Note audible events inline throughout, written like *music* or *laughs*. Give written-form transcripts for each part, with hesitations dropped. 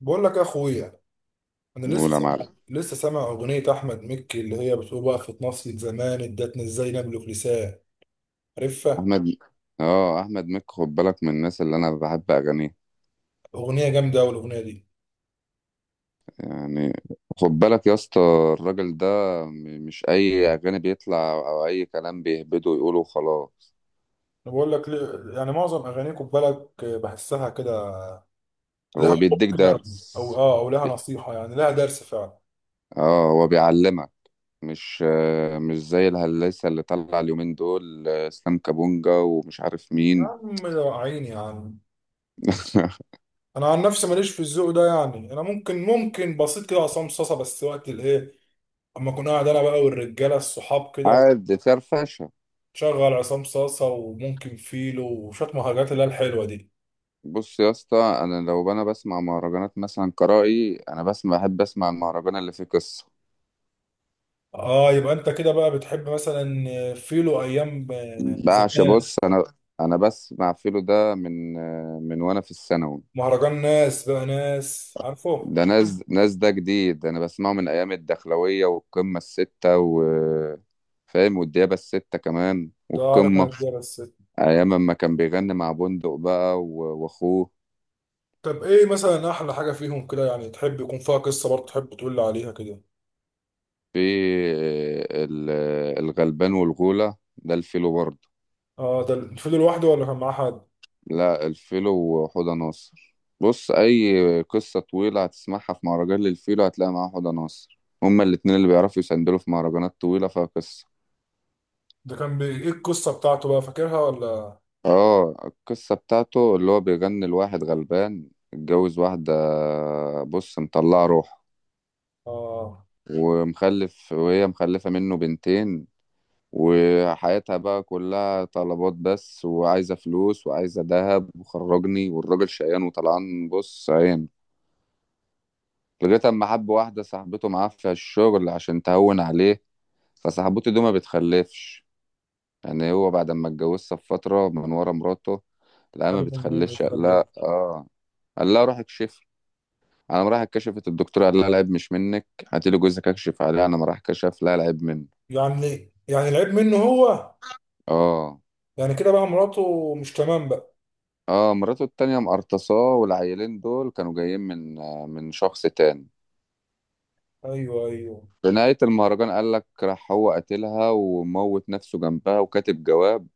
بقول لك يا اخويا، انا لسه نقول يا سامع معلم لسه سامع اغنيه احمد مكي اللي هي بتقول وقفت نصية زمان ادتنا ازاي نملك لسان. عارفها؟ احمد. اه احمد مكي، خد بالك، من الناس اللي انا بحب اغانيه. اغنيه جامده قوي الاغنيه دي. يعني خد بالك يا اسطى، الراجل ده مش اي اغاني بيطلع او اي كلام بيهبده ويقوله وخلاص. انا بقول لك يعني معظم اغانيكم بالك بحسها كده، لها هو حب بيديك كده، درس، او لها نصيحه، يعني لها درس فعلا. اه هو بيعلمك. مش مش زي الهلاسة اللي طلع اليومين دول، اسلام كابونجا ومش عارف يا مين. عم يا عيني يا عم، *laughs* انا عن نفسي ماليش في الذوق ده. يعني انا ممكن، ممكن بسيط كده عصام صاصه بس وقت الايه، اما اكون قاعد انا بقى والرجاله الصحاب كده. عادي، فرفشه. شغل عصام صاصة وممكن فيلو وشوية مهرجانات اللي هي الحلوة دي. بص يا اسطى، انا لو انا بسمع مهرجانات مثلا قرائي، انا بسمع بحب اسمع المهرجان اللي فيه قصه. اه، يبقى انت كده بقى بتحب مثلا فيلو ايام بعشق، زمان؟ بص انا انا بسمع فيلو ده من وانا في الثانوي. مهرجان ناس بقى، ناس، عارفه؟ ده ناس، ناس جديد، انا بسمعه من ايام الدخلويه والقمه السته و فاهم والديابه السته كمان ده عارف انا والقمه، كده بس. ايام ما كان بيغني مع بندق بقى و- واخوه. طب ايه مثلا احلى حاجة فيهم كده؟ يعني تحب يكون فيها قصة برضه، تحب تقول لي عليها كده. في ال- الغلبان والغوله ده الفيلو برضه. اه، ده فيلو لوحده ولا كان معاه حد؟ لا الفيلو وحوضة ناصر، بص، أي قصة طويلة هتسمعها في مهرجان للفيلو هتلاقي معاه حوضة ناصر، هما الاتنين اللي بيعرفوا يسندلوا في مهرجانات طويلة فيها قصة. ده كان بي... ايه القصة بتاعته بقى، فاكرها ولا؟ اه القصة بتاعته اللي هو بيغني لواحد غلبان اتجوز واحدة، بص، مطلعة روحه اه. ومخلف، وهي مخلفة منه بنتين، وحياتها بقى كلها طلبات بس، وعايزة فلوس وعايزة دهب وخرجني، والراجل شقيان وطلعان بص عين. لغاية أما حب واحدة صاحبته معاه في الشغل عشان تهون عليه. فصاحبته دي ما بتخلفش، يعني هو بعد ما اتجوزها بفترة من ورا مراته، لا ما عارف انه ايه؟ بتخلفش. قال متخلف. لها اه قال لها روح اكشفي. انا راح كشفت، الدكتور قال لها العيب مش منك، هاتي لي جوزك اكشف عليه. انا ما راح كشف، لا العيب منه. يعني يعني العيب منه هو؟ اه، يعني كده بقى مراته مش تمام بقى. اه. مراته التانية مقرطصاه، والعيلين دول كانوا جايين من من شخص تاني. ايوه ايوه. في نهاية المهرجان قال لك راح هو قتلها وموت نفسه جنبها وكاتب جواب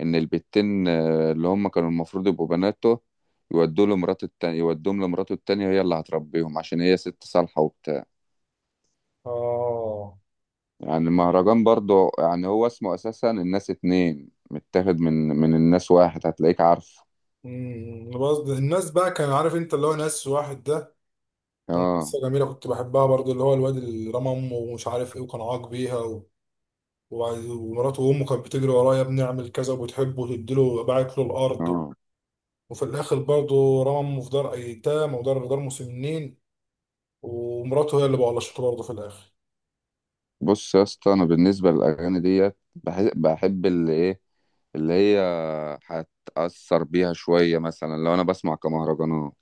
ان البتين، اللي هم كانوا المفروض يبقوا بناته، يودوا له مراته التانية، يودوهم لمراته التانية، هي اللي هتربيهم عشان هي ست صالحة وبتاع. اه. يعني المهرجان برضو، يعني هو اسمه اساسا الناس اتنين، متاخد من الناس واحد، هتلاقيك عارفه. امم، بس الناس بقى كان عارف انت اللي هو ناس واحد ده؟ كان اه، قصه جميله كنت بحبها برضو، اللي هو الواد اللي رمى امه ومش عارف ايه وكان عاق بيها و... ومراته وامه كانت بتجري وراه: يا ابني اعمل كذا، وبتحبه وتديله، باعت له الارض. اه. وفي الاخر برضو رمى امه في دار ايتام ودار، دار مسنين. ومراته هي اللي بقلشته برضه في الاخر. بص يا اسطى، انا بالنسبة للاغاني ديت بحب اللي ايه، اللي هي هتأثر بيها شوية. مثلا لو انا بسمع كمهرجانات،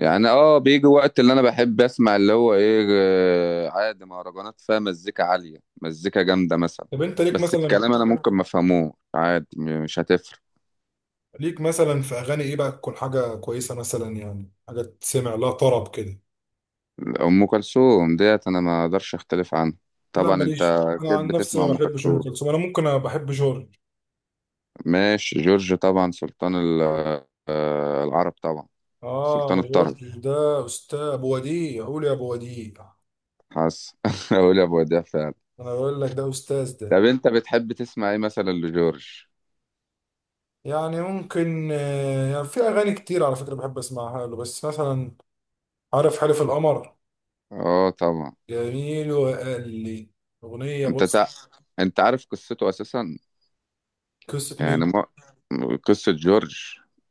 يعني اه بيجي وقت اللي انا بحب اسمع اللي هو ايه، عادي مهرجانات فيها مزيكا عالية، مزيكا جامدة مثلا، طب انت ليك بس مثلا، الكلام انا ممكن ما افهموش عادي، مش هتفرق. ليك مثلا في اغاني ايه بقى تكون حاجه كويسه؟ مثلا يعني حاجه تسمع لها طرب كده. ام كلثوم ديت انا ما اقدرش اختلف عنها. لا طبعا انت ماليش، انا اكيد عن بتسمع نفسي ما ام بحبش ام كلثوم. كلثوم. انا ممكن، أنا بحب جورج. ماشي، جورج طبعا سلطان العرب طبعا، سلطان اه الطرب. جورج ده استاذ، ابو وديع، قول يا ابو وديع. حاسس *laughs* اقول يا ابو وديع فعلا. انا بقول لك ده استاذ ده. طب انت بتحب تسمع ايه مثلا لجورج؟ يعني ممكن، يعني في اغاني كتير على فكره بحب اسمعها له. بس مثلا عارف حلف القمر؟ اه طبعا. جميل. وقال لي، اغنيه انت بص. تع... انت عارف قصته اساسا؟ قصه يعني مين؟ ما قصة جورج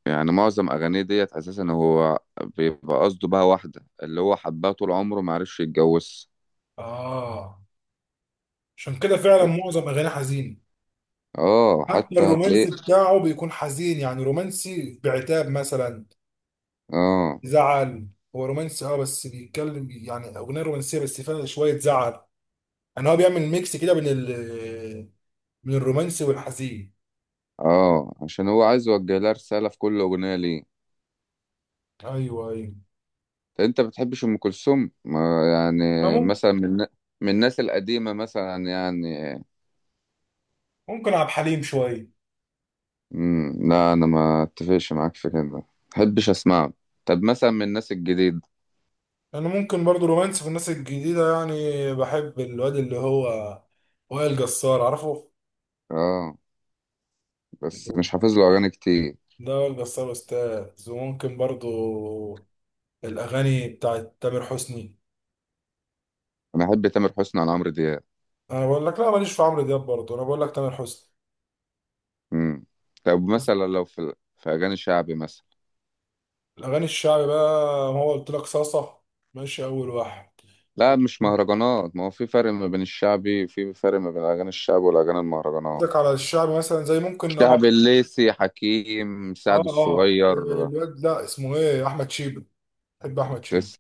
يعني معظم أغانيه ديت أساسا، هو بيبقى قصده بقى واحدة اللي هو حبها طول عمره معرفش يتجوزها. اه، عشان كده فعلا معظم اغاني حزين. اه حتى حتى هتلاقيه. الرومانسي بتاعه بيكون حزين، يعني رومانسي بعتاب مثلا، اه، زعل. هو رومانسي اه بس بيتكلم، يعني اغنيه رومانسيه بس فيها شويه زعل. يعني هو بيعمل ميكس كده بين من الرومانسي والحزين. اه، عشان هو عايز يوجه لها رسالة في كل أغنية ليه. ايوه ايوه. طب انت بتحبش أم كلثوم؟ ما يعني انا ممكن، مثلا من الناس القديمة مثلا يعني؟ ممكن عبد الحليم شويه. لا أنا ما اتفقش معاك في كده، ما بحبش أسمعه. طب مثلا من الناس الجديدة؟ انا ممكن برضو رومانسي في الناس الجديده، يعني بحب الواد اللي هو وائل جسار، عارفه؟ اه بس مش حافظ له أغاني كتير. ده وائل جسار استاذ. وممكن برضو الاغاني بتاعت تامر حسني. انا احب تامر حسني عن عمرو دياب. انا بقول لك لا ماليش في عمرو دياب برضو، انا بقول لك تامر حسني. امم. طب مثلا لو في اغاني شعبي مثلا؟ الأغاني الشعبي بقى، هو قلت لك صاصة، ماشي أول واحد. لا مش مهرجانات، ما هو في فرق ما بين الشعبي، في فرق ما بين الاغاني الشعبي والاغاني المهرجانات. قصدك على الشعبي مثلا زي ممكن اه. شعبي الليسي حكيم، سعد اه الصغير. الواد، لا، اسمه ايه؟ أحمد شيبة. بحب أحمد شيبة. تسلم،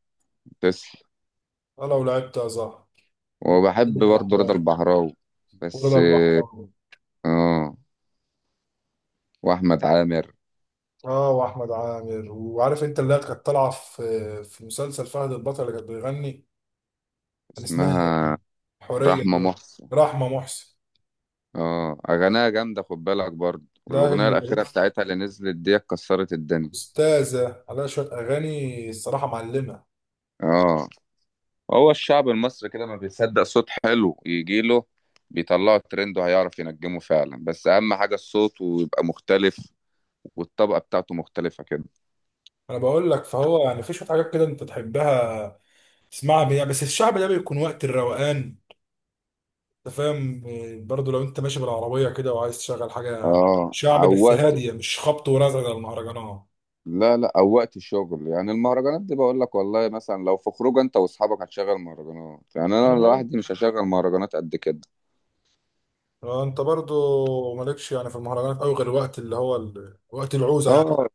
تسلم. أنا لو لعبت أزهر وبحب وبيبي برضه رضا الأحوال، البحراوي. بس. ورضا البحراوي. اه، واحمد عامر. اه وأحمد عامر. وعارف أنت اللي كانت طالعة في مسلسل فهد البطل اللي كانت بيغني؟ كان اسمها إيه؟ اسمها حورية رحمة دي، محسن. رحمة محسن. اه اغانيها جامدة خد بالك برضه، لا والاغنية هي الاخيرة بتاعتها اللي نزلت دي كسرت الدنيا. أستاذة، عليها شوية أغاني الصراحة، معلمة. اه، هو الشعب المصري كده ما بيصدق صوت حلو يجي له، بيطلعه ترند وهيعرف ينجمه فعلا، بس اهم حاجه الصوت ويبقى مختلف والطبقه بتاعته مختلفه كده. انا بقول لك فهو يعني في شويه حاجات كده انت تحبها تسمعها بيها، بس الشعب ده بيكون وقت الروقان. انت فاهم يعني؟ برضه لو انت ماشي بالعربيه كده وعايز تشغل حاجه، اه، شعب او بس وقت. هاديه، مش خبط ورزع زي المهرجانات. لا لا، او وقت الشغل، يعني المهرجانات دي بقول لك والله مثلا لو في خروج انت واصحابك هتشغل مهرجانات، يعني انا انا بقول لوحدي مش هشغل مهرجانات قد كده. انت برضه مالكش يعني في المهرجانات قوي غير وقت اللي هو ال... وقت العوزه يعني. اه،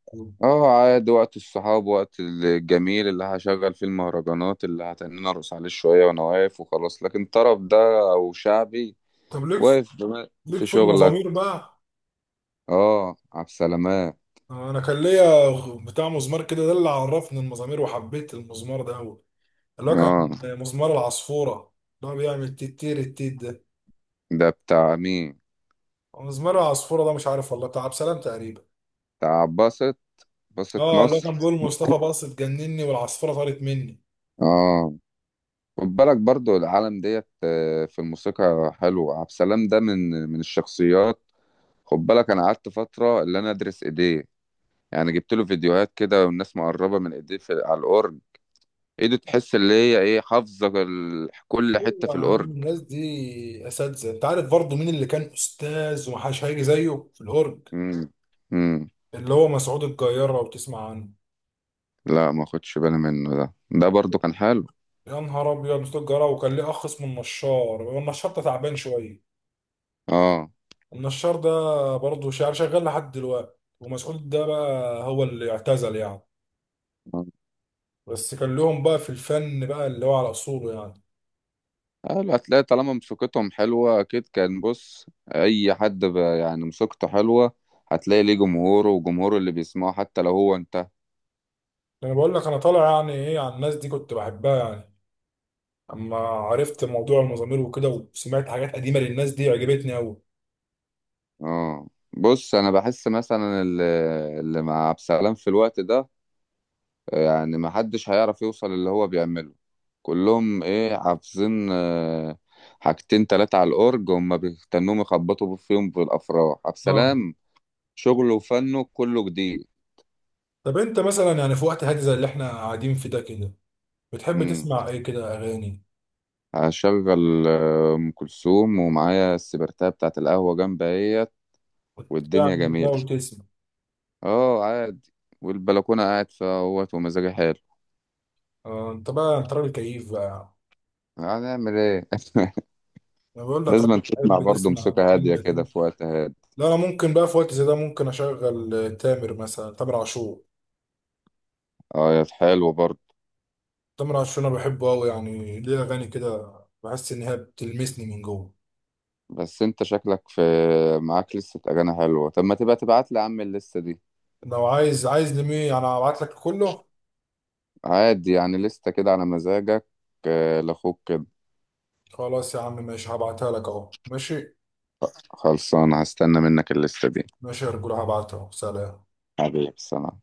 اه عادي وقت الصحاب، وقت الجميل اللي هشغل فيه المهرجانات اللي هتنين ارقص عليه شويه وانا واقف وخلاص. لكن طرب ده او شعبي، طب ليك، واقف ليك في في شغلك. المزامير بقى؟ اه عبد السلامات. انا كان ليا بتاع مزمار كده، ده اللي عرفني المزامير وحبيت المزمار ده قوي، اللي هو اه، كان مزمار العصفوره، اللي هو بيعمل تيتير التيت. ده بتاع مين؟ مزمار العصفورة ده مش عارف والله، بتاع عبد السلام تقريبا. بتاع باسط، باسط اه اللي هو مصر. كان بيقول مصطفى باص اتجنني والعصفورة طارت مني. اه، خد بالك برضو العالم ديت، في الموسيقى حلو. عبد السلام ده من الشخصيات. خد بالك انا قعدت فترة اللي انا ادرس ايديه، يعني جبت له فيديوهات كده والناس مقربة من ايديه في على الاورج. ايده تحس اللي هي ايه، حافظة كل حتة ايوه في يا عم، الاورج. الناس دي اساتذه. انت عارف برضه مين اللي كان استاذ ومحدش هيجي زيه في الهرج؟ امم، امم. اللي هو مسعود الجيار، لو تسمع عنه. لا ما خدش بالي منه، ده برضو كان حلو. يا نهار ابيض، مسعود الجيار وكان ليه اخ اسمه النشار. هو النشار ده تعبان شويه، اه. النشار ده برضه شعر شغال لحد دلوقتي. ومسعود ده بقى هو اللي اعتزل يعني، آه. بس كان لهم بقى في الفن بقى اللي هو على اصوله يعني. اه الأتلية طالما مسوقتهم حلوة أكيد كان، بص أي حد يعني مسوقته حلوة هتلاقي ليه جمهوره، وجمهوره اللي بيسمعه حتى لو هو انتهى. انا بقول لك انا طالع يعني ايه على الناس دي كنت بحبها يعني، اما عرفت موضوع المزامير وكده وسمعت حاجات قديمه للناس دي عجبتني قوي. اه بص، أنا بحس مثلا اللي مع عبد السلام في الوقت ده، يعني محدش هيعرف يوصل اللي هو بيعمله. كلهم إيه حافظين، حاجتين تلاتة على الأورج هما بيستنوهم يخبطوا فيهم في الأفراح. عبد اه. السلام شغله وفنه كله جديد. طب انت مثلا يعني في وقت هادي زي اللي احنا قاعدين في ده كده بتحب تسمع ايه كده اغاني؟ هشغل ام كلثوم ومعايا السبرتاب بتاعت القهوه جنب اهيت، والدنيا وتعمل ده جميله. وتسمع. اه عادي، والبلكونه قاعد فيها اهوت ومزاجي حلو. آه، انت بقى انت راجل كيف بقى. هنعمل ايه؟ انا بقول *laughs* لك راجل لازم تسمع بتحب برضه تسمع موسيقى هاديه اغاني كده قديمه. في وقت هادي. لا انا ممكن بقى في وقت زي ده ممكن اشغل تامر مثلا، تامر عاشور. اه يا حلو برضه. تامر عاشور انا بحبه قوي، يعني ليه اغاني كده بحس ان هي بتلمسني من جوه. بس انت شكلك معاك لسه اغاني حلوه، طب ما تبقى تبعت لي يا عم الليسته دي. لو عايز، عايز لمين انا هبعت لك كله. عادي يعني لسته كده على مزاجك، لاخوك كده. خلاص يا عم ماشي، هبعتها لك اهو، ماشي. خلصانه، هستنى منك الليسته دي. ماشي يا رجولة، هبعتها اهو. سلام. حبيبي، سلام.